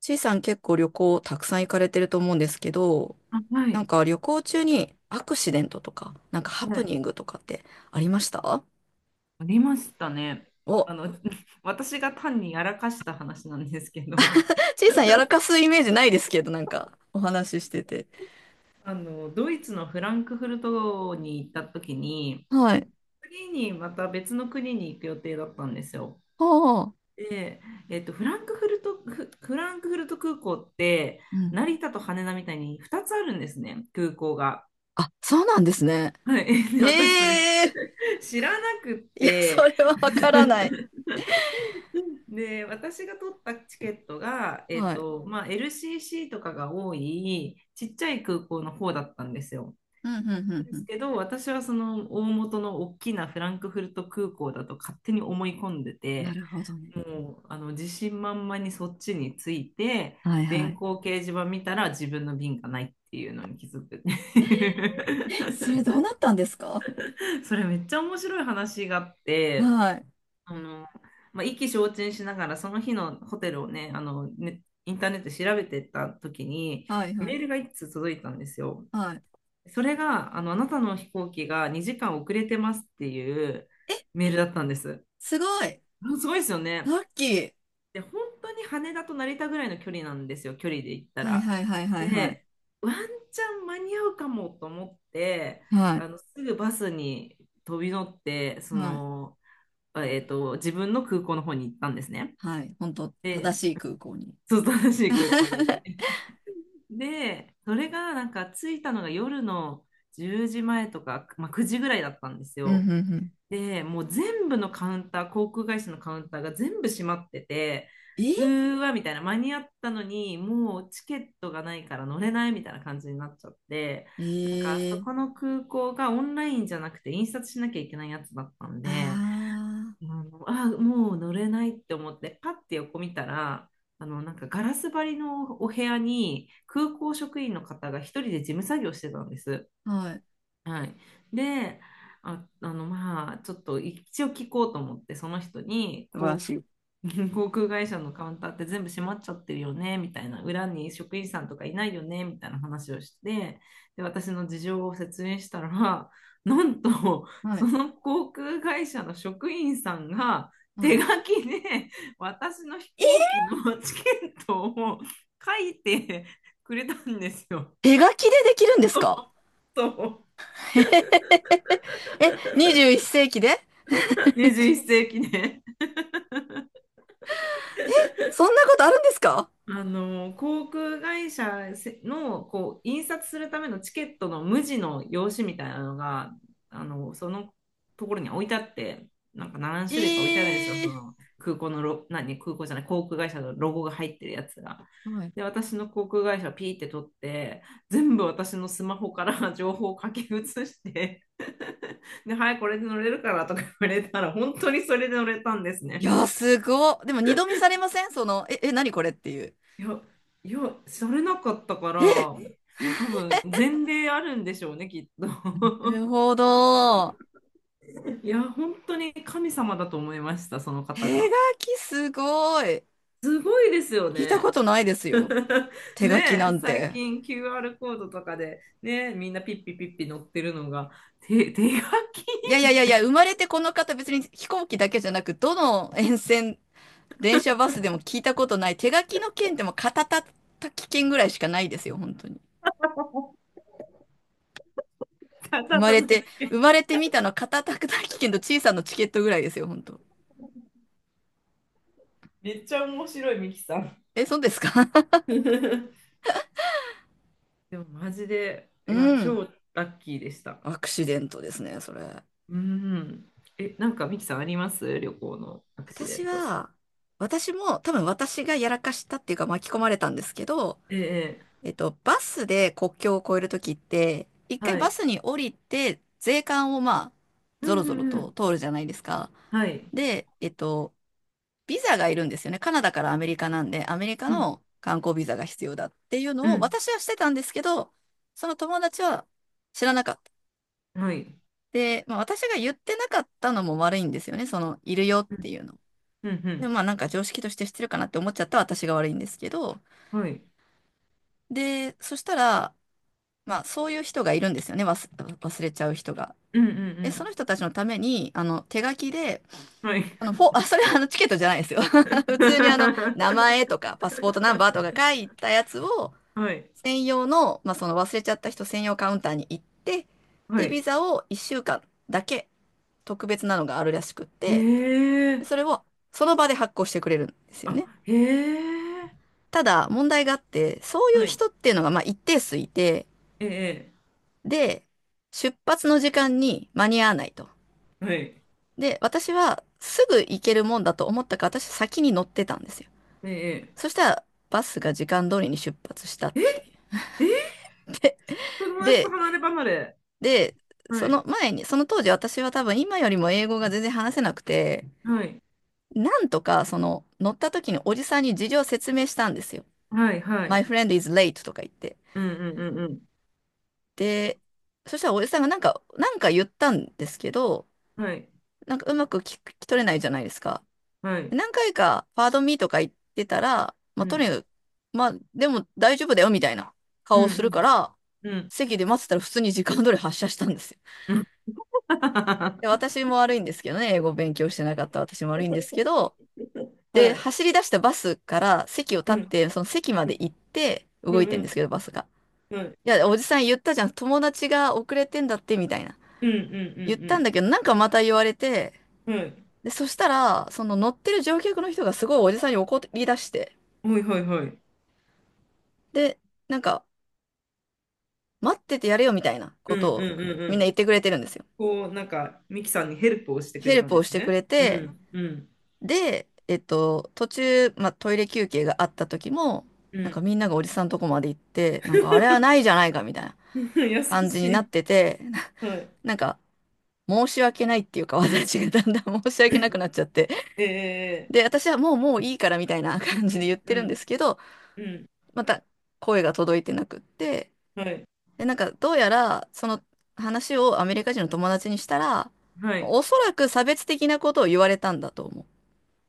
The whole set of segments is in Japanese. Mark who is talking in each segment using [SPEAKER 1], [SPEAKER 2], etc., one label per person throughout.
[SPEAKER 1] ちいさん結構旅行たくさん行かれてると思うんですけど、
[SPEAKER 2] あ、は
[SPEAKER 1] なん
[SPEAKER 2] い、
[SPEAKER 1] か旅行中にアクシデントとか、なんかハ
[SPEAKER 2] は
[SPEAKER 1] プ
[SPEAKER 2] い、
[SPEAKER 1] ニングとかってありました？
[SPEAKER 2] ありましたね。
[SPEAKER 1] お、
[SPEAKER 2] あの、私が単にやらかした話なんですけど、
[SPEAKER 1] ちいさんやらかすイメージないですけど、なんかお話ししてて。
[SPEAKER 2] ドイツのフランクフルトに行った時に、
[SPEAKER 1] はい。
[SPEAKER 2] 次にまた別の国に行く予定だったんですよ。
[SPEAKER 1] ああ。
[SPEAKER 2] で、フランクフルト空港って、
[SPEAKER 1] うん。
[SPEAKER 2] 成田と羽田みたいに2つあるんですね、空港が。
[SPEAKER 1] あ、そうなんですね。
[SPEAKER 2] はい、で、私それ
[SPEAKER 1] ええー、
[SPEAKER 2] 知らなくっ
[SPEAKER 1] いや、そ
[SPEAKER 2] て、
[SPEAKER 1] れはわからない。
[SPEAKER 2] で、私が取ったチケットが、
[SPEAKER 1] はい。
[SPEAKER 2] まあ、LCC とかが多い、ちっちゃい空港の方だったんですよ。
[SPEAKER 1] うん、うん、う
[SPEAKER 2] で
[SPEAKER 1] ん、
[SPEAKER 2] す
[SPEAKER 1] う
[SPEAKER 2] けど、私はその大元の大きなフランクフルト空港だと勝手に思い込んで
[SPEAKER 1] ん。な
[SPEAKER 2] て、
[SPEAKER 1] るほどね。
[SPEAKER 2] もう、自信満々にそっちに着いて、
[SPEAKER 1] はいは
[SPEAKER 2] 電
[SPEAKER 1] い。
[SPEAKER 2] 光掲示板見たら自分の便がないっていうのに気づくっていう。
[SPEAKER 1] え、それどうなったんですか？
[SPEAKER 2] それめっちゃ面白い話があって、
[SPEAKER 1] はい。
[SPEAKER 2] あの、まあ、意気消沈しながら、その日のホテルをね、ね、インターネットで調べてた時に、
[SPEAKER 1] はいは
[SPEAKER 2] メ
[SPEAKER 1] い。
[SPEAKER 2] ールが一通届いたんですよ。
[SPEAKER 1] はい。
[SPEAKER 2] それが、あなたの飛行機が2時間遅れてますっていう
[SPEAKER 1] え、
[SPEAKER 2] メールだったんです。
[SPEAKER 1] すごい。
[SPEAKER 2] うんすごいですよ
[SPEAKER 1] ラ
[SPEAKER 2] ね。
[SPEAKER 1] ッキー。
[SPEAKER 2] で、本当に羽田と成田ぐらいの距離なんですよ、距離で言った
[SPEAKER 1] はい
[SPEAKER 2] ら。
[SPEAKER 1] はいはいはいはい。
[SPEAKER 2] で、ワンチャン間に合うかもと思って、
[SPEAKER 1] はい。
[SPEAKER 2] すぐバスに飛び乗って、そ
[SPEAKER 1] はい。
[SPEAKER 2] の、自分の空港の方に行ったんですね。
[SPEAKER 1] はい。本当正
[SPEAKER 2] で、
[SPEAKER 1] しい空港に。
[SPEAKER 2] そう、正しい空港に。で、それがなんか着いたのが夜の10時前とか、まあ、9時ぐらいだったんです
[SPEAKER 1] うん、うん、
[SPEAKER 2] よ。
[SPEAKER 1] うん。
[SPEAKER 2] で、もう全部のカウンター、航空会社のカウンターが全部閉まってて、う
[SPEAKER 1] え
[SPEAKER 2] ーわみたいな、間に合ったのに、もうチケットがないから乗れないみたいな感じになっちゃって、なんかそ
[SPEAKER 1] え
[SPEAKER 2] こ
[SPEAKER 1] ー、
[SPEAKER 2] の空港がオンラインじゃなくて印刷しなきゃいけないやつだったん
[SPEAKER 1] あ
[SPEAKER 2] で、あ、もう乗れないって思って、パッて横見たら、なんかガラス張りのお部屋に空港職員の方が一人で事務作業してたんです。
[SPEAKER 1] あ、はい、
[SPEAKER 2] はい。で、まあ、ちょっと一応聞こうと思って、その人に、
[SPEAKER 1] 素晴ら
[SPEAKER 2] こ
[SPEAKER 1] しい。
[SPEAKER 2] 航空会社のカウンターって全部閉まっちゃってるよね、みたいな、裏に職員さんとかいないよね、みたいな話をして、で、私の事情を説明したら、なんと、
[SPEAKER 1] は
[SPEAKER 2] そ
[SPEAKER 1] い、
[SPEAKER 2] の航空会社の職員さんが
[SPEAKER 1] は
[SPEAKER 2] 手
[SPEAKER 1] い。
[SPEAKER 2] 書きで私の飛行機のチケットを書いてくれたんですよ。
[SPEAKER 1] 手書きでできるんですか？
[SPEAKER 2] そう、
[SPEAKER 1] え、21世紀で？ にじゅう、
[SPEAKER 2] 21世紀ね。
[SPEAKER 1] そんなことあるんですか？
[SPEAKER 2] あの航空会社のこう印刷するためのチケットの無地の用紙みたいなのがそのところに置いてあって、なんか何
[SPEAKER 1] え
[SPEAKER 2] 種類か置いてあるんですよ、そ
[SPEAKER 1] え
[SPEAKER 2] の空港のロ、何空港じゃない、航空会社のロゴが入ってるやつが。
[SPEAKER 1] ー、はい。
[SPEAKER 2] で私の航空会社をピーって取って、全部私のスマホから 情報を書き写して、 で「はいこれで乗れるから」とか言われたら本当にそれで乗れたんです
[SPEAKER 1] い
[SPEAKER 2] ね。
[SPEAKER 1] や、すごっ。でも二度見されません？その、え、え、何これっていう。
[SPEAKER 2] いや、いや、されなかったか
[SPEAKER 1] え、
[SPEAKER 2] ら、え多分前例あるんでしょうね、きっ
[SPEAKER 1] な
[SPEAKER 2] と。
[SPEAKER 1] るほど。
[SPEAKER 2] いや、本当に神様だと思いました、その
[SPEAKER 1] 手
[SPEAKER 2] 方が。
[SPEAKER 1] 書きすごい。
[SPEAKER 2] すごいですよ
[SPEAKER 1] 聞いた
[SPEAKER 2] ね。
[SPEAKER 1] ことないですよ。手書き
[SPEAKER 2] ね
[SPEAKER 1] な
[SPEAKER 2] え、
[SPEAKER 1] ん
[SPEAKER 2] 最
[SPEAKER 1] て。
[SPEAKER 2] 近 QR コードとかで、ねえ、みんなピッピピッピ載ってるのが、手書き
[SPEAKER 1] いやいやいやいや、生まれてこの方別に飛行機だけじゃなく、どの沿線、電車バスでも聞いたことない。手書きの件でも片たたき券ぐらいしかないですよ、本当に。
[SPEAKER 2] だっ
[SPEAKER 1] 生
[SPEAKER 2] た
[SPEAKER 1] まれ
[SPEAKER 2] んだっ
[SPEAKER 1] て、生ま
[SPEAKER 2] け。
[SPEAKER 1] れてみたの片たき券と小さなチケットぐらいですよ、本当。
[SPEAKER 2] めっちゃ面白い、ミキさん。
[SPEAKER 1] え、そうですか？
[SPEAKER 2] でもマジで、
[SPEAKER 1] う
[SPEAKER 2] いや、
[SPEAKER 1] ん。
[SPEAKER 2] 超ラッキーでした。
[SPEAKER 1] アクシデントですね、それ。
[SPEAKER 2] うん。え、なんかミキさんあります旅行のアクシデ
[SPEAKER 1] 私
[SPEAKER 2] ント。
[SPEAKER 1] は、私も多分私がやらかしたっていうか巻き込まれたんですけど、
[SPEAKER 2] ええ、え
[SPEAKER 1] バスで国境を越えるときって、一
[SPEAKER 2] え
[SPEAKER 1] 回
[SPEAKER 2] は
[SPEAKER 1] バス
[SPEAKER 2] い。
[SPEAKER 1] に降りて、税関をまあ、
[SPEAKER 2] う
[SPEAKER 1] ぞ
[SPEAKER 2] ん
[SPEAKER 1] ろ
[SPEAKER 2] う
[SPEAKER 1] ぞろ
[SPEAKER 2] んう
[SPEAKER 1] と
[SPEAKER 2] ん。
[SPEAKER 1] 通るじゃないですか。
[SPEAKER 2] はい。
[SPEAKER 1] で、ビザがいるんですよね。カナダからアメリカなんで、アメリカ
[SPEAKER 2] うん、
[SPEAKER 1] の観光ビザが必要だっていう
[SPEAKER 2] う
[SPEAKER 1] のを
[SPEAKER 2] ん、
[SPEAKER 1] 私はしてたんですけど、その友達は知らなかった。
[SPEAKER 2] はい。
[SPEAKER 1] で、まあ、私が言ってなかったのも悪いんですよね。その、いるよっ
[SPEAKER 2] う
[SPEAKER 1] て
[SPEAKER 2] ん、
[SPEAKER 1] いうの。
[SPEAKER 2] うん、う
[SPEAKER 1] でも
[SPEAKER 2] ん、
[SPEAKER 1] まあなんか常識として知ってるかなって思っちゃった私が悪いんですけど、
[SPEAKER 2] はい。
[SPEAKER 1] で、そしたら、まあ、そういう人がいるんですよね、忘れちゃう人が。
[SPEAKER 2] うん、うん、う
[SPEAKER 1] え、その
[SPEAKER 2] ん、
[SPEAKER 1] 人たちのために、あの、手書きで、
[SPEAKER 2] はい。
[SPEAKER 1] あ、それはあの、チケットじゃないですよ。普通にあの、名前と か、パスポートナンバーとか書いたやつを、
[SPEAKER 2] はい。
[SPEAKER 1] 専用の、まあ、その忘れちゃった人専用カウンターに行って、
[SPEAKER 2] は
[SPEAKER 1] で、ビ
[SPEAKER 2] い。
[SPEAKER 1] ザを1週間だけ特別なのがあるらしくっ
[SPEAKER 2] へ
[SPEAKER 1] て、
[SPEAKER 2] え。
[SPEAKER 1] それをその場で発行してくれるんですよ
[SPEAKER 2] あ、
[SPEAKER 1] ね。
[SPEAKER 2] へえ。
[SPEAKER 1] ただ、問題があって、そうい
[SPEAKER 2] は
[SPEAKER 1] う
[SPEAKER 2] い。
[SPEAKER 1] 人っていうのが、まあ、一定数いて、
[SPEAKER 2] ええ、
[SPEAKER 1] で、出発の時間に間に合わないと。
[SPEAKER 2] はい。
[SPEAKER 1] で、私はすぐ行けるもんだと思ったから、私先に乗ってたんですよ。
[SPEAKER 2] ええ、
[SPEAKER 1] そしたら、バスが時間通りに出発したっ
[SPEAKER 2] え
[SPEAKER 1] ていう。
[SPEAKER 2] え、友達と
[SPEAKER 1] で、
[SPEAKER 2] 離れ離れ。
[SPEAKER 1] で、
[SPEAKER 2] は
[SPEAKER 1] その
[SPEAKER 2] い。
[SPEAKER 1] 前に、その当時私は多分今よりも英語が全然話せなくて、
[SPEAKER 2] はい。
[SPEAKER 1] なんとかその乗った時におじさんに事情を説明したんですよ。
[SPEAKER 2] はい、は
[SPEAKER 1] My
[SPEAKER 2] い。
[SPEAKER 1] friend is late とか言って。
[SPEAKER 2] うん、うん、うん、うん。
[SPEAKER 1] で、そしたらおじさんがなんか、なんか言ったんですけど、
[SPEAKER 2] はい。
[SPEAKER 1] なんかうまく聞き取れないじゃないですか。
[SPEAKER 2] はい。
[SPEAKER 1] 何回かパードミーとか行ってたら、ま
[SPEAKER 2] う
[SPEAKER 1] あ、とに
[SPEAKER 2] ん、
[SPEAKER 1] かく、まあ、でも大丈夫だよみたいな
[SPEAKER 2] う
[SPEAKER 1] 顔をする
[SPEAKER 2] ん、
[SPEAKER 1] から、
[SPEAKER 2] うん、
[SPEAKER 1] 席で待ってたら普通に時間通り発車したんですよ。
[SPEAKER 2] うん。は
[SPEAKER 1] で、私も悪いんですけどね、英語勉強してなかった私も悪いんですけど、で、走
[SPEAKER 2] い。
[SPEAKER 1] り出したバスから席を
[SPEAKER 2] う
[SPEAKER 1] 立っ
[SPEAKER 2] ん、
[SPEAKER 1] て、その席まで行って
[SPEAKER 2] う
[SPEAKER 1] 動い
[SPEAKER 2] ん、
[SPEAKER 1] て
[SPEAKER 2] う
[SPEAKER 1] んですけど、バ
[SPEAKER 2] ん。
[SPEAKER 1] スが。
[SPEAKER 2] はい。
[SPEAKER 1] いや、おじさん言ったじゃん、友達が遅れてんだって、みたいな。
[SPEAKER 2] うんう
[SPEAKER 1] 言ったん
[SPEAKER 2] ん
[SPEAKER 1] だけど、なんかまた言われて、
[SPEAKER 2] うんうん。はい。
[SPEAKER 1] で、そしたら、その乗ってる乗客の人がすごいおじさんに怒り出して、
[SPEAKER 2] はいはいはい。
[SPEAKER 1] で、なんか、待っててやれよみたいなこ
[SPEAKER 2] うん
[SPEAKER 1] とを
[SPEAKER 2] うんうんう
[SPEAKER 1] みんな
[SPEAKER 2] ん。
[SPEAKER 1] 言ってくれてるんですよ。
[SPEAKER 2] こう、なんか、ミキさんにヘルプをしてく
[SPEAKER 1] ヘ
[SPEAKER 2] れ
[SPEAKER 1] ル
[SPEAKER 2] たん
[SPEAKER 1] プ
[SPEAKER 2] で
[SPEAKER 1] をし
[SPEAKER 2] す
[SPEAKER 1] てく
[SPEAKER 2] ね。
[SPEAKER 1] れ
[SPEAKER 2] う
[SPEAKER 1] て、
[SPEAKER 2] んうん
[SPEAKER 1] で、途中、まあ、トイレ休憩があった時も、
[SPEAKER 2] う
[SPEAKER 1] なんか
[SPEAKER 2] ん。
[SPEAKER 1] みんながおじさんとこまで行って、なんかあれはないじ ゃないかみたいな
[SPEAKER 2] 優
[SPEAKER 1] 感じ
[SPEAKER 2] し
[SPEAKER 1] になっ
[SPEAKER 2] い。
[SPEAKER 1] てて、
[SPEAKER 2] はい。
[SPEAKER 1] なんか申し訳ないっていうか、私がだんだん 申し訳なくなっちゃって、
[SPEAKER 2] え
[SPEAKER 1] で、私はもうもういいからみたいな感じ
[SPEAKER 2] ー、
[SPEAKER 1] で言っ
[SPEAKER 2] う
[SPEAKER 1] て
[SPEAKER 2] んう
[SPEAKER 1] るん
[SPEAKER 2] ん
[SPEAKER 1] ですけど、
[SPEAKER 2] うん。
[SPEAKER 1] また声が届いてなくって、
[SPEAKER 2] はい。
[SPEAKER 1] で、なんか、どうやら、その話をアメリカ人の友達にしたら、
[SPEAKER 2] はい。
[SPEAKER 1] おそらく差別的なことを言われたんだと思う。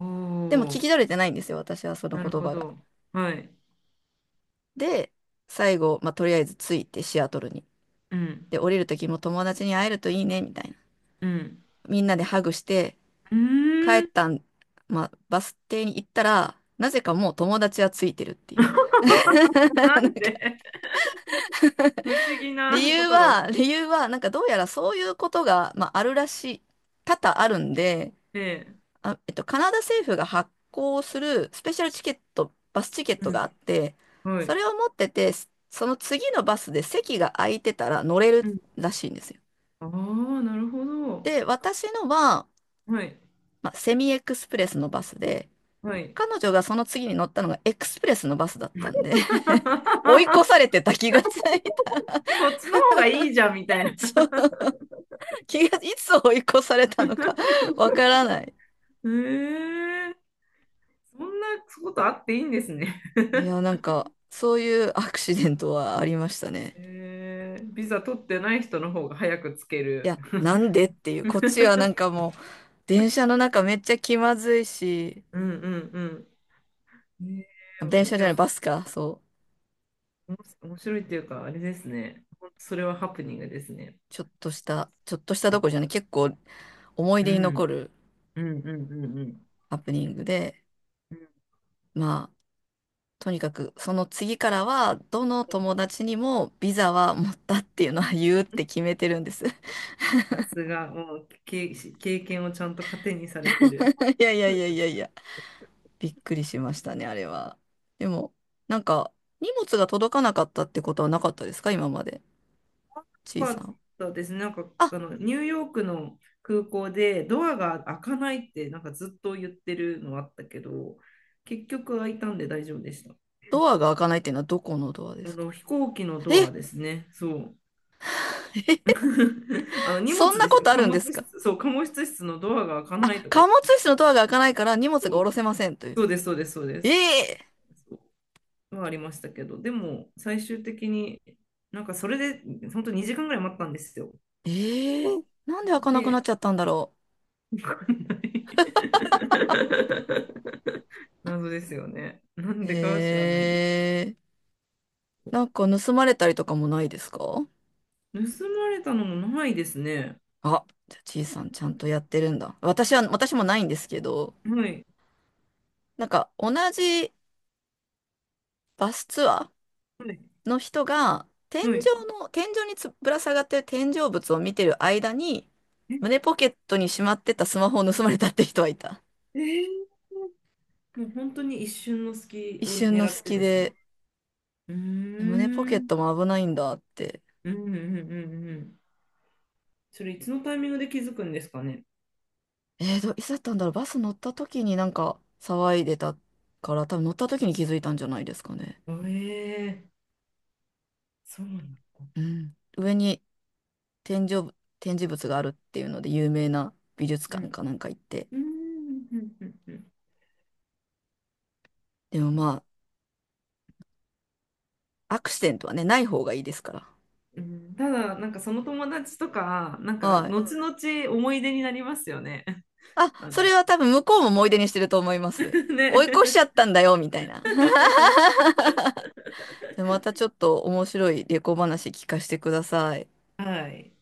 [SPEAKER 2] お
[SPEAKER 1] でも聞き
[SPEAKER 2] お、
[SPEAKER 1] 取れてないんですよ、私はその
[SPEAKER 2] なる
[SPEAKER 1] 言
[SPEAKER 2] ほ
[SPEAKER 1] 葉が。
[SPEAKER 2] ど。はい。
[SPEAKER 1] で、最後、まあ、とりあえず着いてシアトルに。
[SPEAKER 2] うん
[SPEAKER 1] で、降りる時も友達に会えるといいね、みたいな。
[SPEAKER 2] うん。
[SPEAKER 1] みんなでハグして、
[SPEAKER 2] う
[SPEAKER 1] 帰
[SPEAKER 2] ー
[SPEAKER 1] っ
[SPEAKER 2] ん。
[SPEAKER 1] たん、まあ、バス停に行ったら、なぜかもう友達はついてるっていう。
[SPEAKER 2] な
[SPEAKER 1] なん
[SPEAKER 2] ん
[SPEAKER 1] か、
[SPEAKER 2] で不思議
[SPEAKER 1] 理
[SPEAKER 2] なこ
[SPEAKER 1] 由
[SPEAKER 2] とが起き
[SPEAKER 1] は、理由は、なんかどうやらそういうことが、まあ、あるらしい、多々あるんで、
[SPEAKER 2] て。
[SPEAKER 1] あ、カナダ政府が発行するスペシャルチケット、バスチケッ
[SPEAKER 2] う
[SPEAKER 1] ト
[SPEAKER 2] ん。
[SPEAKER 1] があって、
[SPEAKER 2] は
[SPEAKER 1] そ
[SPEAKER 2] い。
[SPEAKER 1] れを持ってて、その次のバスで席が空いてたら乗れる
[SPEAKER 2] うん。
[SPEAKER 1] らしいんですよ。
[SPEAKER 2] ああ、なるほど。
[SPEAKER 1] で、私のは、
[SPEAKER 2] はい。
[SPEAKER 1] まあ、セミエクスプレスのバスで、
[SPEAKER 2] はい。
[SPEAKER 1] 彼女がその次に乗ったのがエクスプレスのバスだったんで 追い越され てた気がついた。
[SPEAKER 2] そっちの方がいいじゃんみたいな。
[SPEAKER 1] そう、気が、いつ追い越されたのか わからない。
[SPEAKER 2] へえ、そんなことあっていいんですね。
[SPEAKER 1] いや、なんか、そういうアクシデントはありましたね。
[SPEAKER 2] へえ、ビザ取ってない人の方が早くつけ
[SPEAKER 1] い
[SPEAKER 2] る。
[SPEAKER 1] や、なんでっていう、こっちはなんか もう、電車の中めっちゃ気まずいし、
[SPEAKER 2] うんうんうん。へ
[SPEAKER 1] あ電
[SPEAKER 2] え、
[SPEAKER 1] 車じ
[SPEAKER 2] で
[SPEAKER 1] ゃな
[SPEAKER 2] も、
[SPEAKER 1] い、バスか、そ
[SPEAKER 2] おもし面白いっていうか、あれですね。それはハプニングですね。
[SPEAKER 1] う、ちょっとした、ちょっとしたど
[SPEAKER 2] う
[SPEAKER 1] ころじゃない、結構思い
[SPEAKER 2] ん、う
[SPEAKER 1] 出に残
[SPEAKER 2] ん、
[SPEAKER 1] る
[SPEAKER 2] うん、うん、うん。
[SPEAKER 1] ハプニングで、
[SPEAKER 2] うん
[SPEAKER 1] まあ、とにかく、その次からは、どの友達にもビザは持ったっていうのは 言うって決めてるんです。い
[SPEAKER 2] さすが、もうけ経験をちゃんと糧にされてる。
[SPEAKER 1] やいやいやいやいや、びっくりしましたね、あれは。でも、なんか、荷物が届かなかったってことはなかったですか、今まで。ちい
[SPEAKER 2] か
[SPEAKER 1] さ
[SPEAKER 2] っ
[SPEAKER 1] ん。
[SPEAKER 2] たですね。なんか
[SPEAKER 1] あ、
[SPEAKER 2] あのニューヨークの空港でドアが開かないってなんかずっと言ってるのあったけど、結局開いたんで大丈夫でした。
[SPEAKER 1] ドアが開かないっていうのはどこのドアで
[SPEAKER 2] あ
[SPEAKER 1] すか？
[SPEAKER 2] の飛行機のド
[SPEAKER 1] え、
[SPEAKER 2] ア ですね。そう。
[SPEAKER 1] え、
[SPEAKER 2] あの荷
[SPEAKER 1] そん
[SPEAKER 2] 物
[SPEAKER 1] な
[SPEAKER 2] です
[SPEAKER 1] こ
[SPEAKER 2] よ。
[SPEAKER 1] とあ
[SPEAKER 2] 貨
[SPEAKER 1] るん
[SPEAKER 2] 物
[SPEAKER 1] ですか？
[SPEAKER 2] 室、そう、貨物室のドアが開か
[SPEAKER 1] あ、
[SPEAKER 2] ないとか言
[SPEAKER 1] 貨
[SPEAKER 2] っ
[SPEAKER 1] 物
[SPEAKER 2] て。
[SPEAKER 1] 室のドアが開かないから荷物が
[SPEAKER 2] そ
[SPEAKER 1] 下
[SPEAKER 2] う
[SPEAKER 1] ろせませんという。
[SPEAKER 2] そうです、そうです、そうで
[SPEAKER 1] え
[SPEAKER 2] す、
[SPEAKER 1] え、
[SPEAKER 2] そうはありましたけど、でも最終的になんかそれで本当2時間ぐらい待ったんですよ。
[SPEAKER 1] ええ、なんで開かなくなっ
[SPEAKER 2] で、
[SPEAKER 1] ちゃったんだろ
[SPEAKER 2] わかんない。 謎ですよね。なんでかは知らないで
[SPEAKER 1] う。ええ、なんか盗まれたりとかもないですか？
[SPEAKER 2] す。盗まれたのもないですね。
[SPEAKER 1] あ、じゃあちいさんちゃんとやってるんだ。私は、私もないんですけど、
[SPEAKER 2] はい。
[SPEAKER 1] なんか同じバスツアー
[SPEAKER 2] はい。
[SPEAKER 1] の人が、天井
[SPEAKER 2] はい。
[SPEAKER 1] の、天井につぶら下がってる天井物を見てる間に、
[SPEAKER 2] え、
[SPEAKER 1] 胸ポケットにしまってたスマホを盗まれたって人はいた。
[SPEAKER 2] えー、もう本当に一瞬の隙
[SPEAKER 1] 一
[SPEAKER 2] を
[SPEAKER 1] 瞬の
[SPEAKER 2] 狙って
[SPEAKER 1] 隙
[SPEAKER 2] ですね。
[SPEAKER 1] で、
[SPEAKER 2] うー
[SPEAKER 1] 胸ポケッ
[SPEAKER 2] ん。
[SPEAKER 1] トも危ないんだって。
[SPEAKER 2] うんうんうんうんうん。それいつのタイミングで気づくんですかね。
[SPEAKER 1] えーと、いつだったんだろう、バス乗った時になんか騒いでたから、多分乗った時に気づいたんじゃないですかね。
[SPEAKER 2] ええそうなんだ。
[SPEAKER 1] うん。上に天井ぶ、展示物があるっていうので有名な美術
[SPEAKER 2] う
[SPEAKER 1] 館
[SPEAKER 2] ん。
[SPEAKER 1] かなんか行って。
[SPEAKER 2] うんうんうんうん。
[SPEAKER 1] でもまあ、アクシデントはね、ない方がいいですから。
[SPEAKER 2] うんただ、なんかその友達とか、なんか
[SPEAKER 1] はい。
[SPEAKER 2] 後々思い出になりますよね。
[SPEAKER 1] あ、
[SPEAKER 2] あの
[SPEAKER 1] それは多分向こうも思い出にしてると思います。追い越しち
[SPEAKER 2] ね。
[SPEAKER 1] ゃったんだよ、みたいな。じゃあまたちょっと面白い旅行話聞かせてください。
[SPEAKER 2] はい。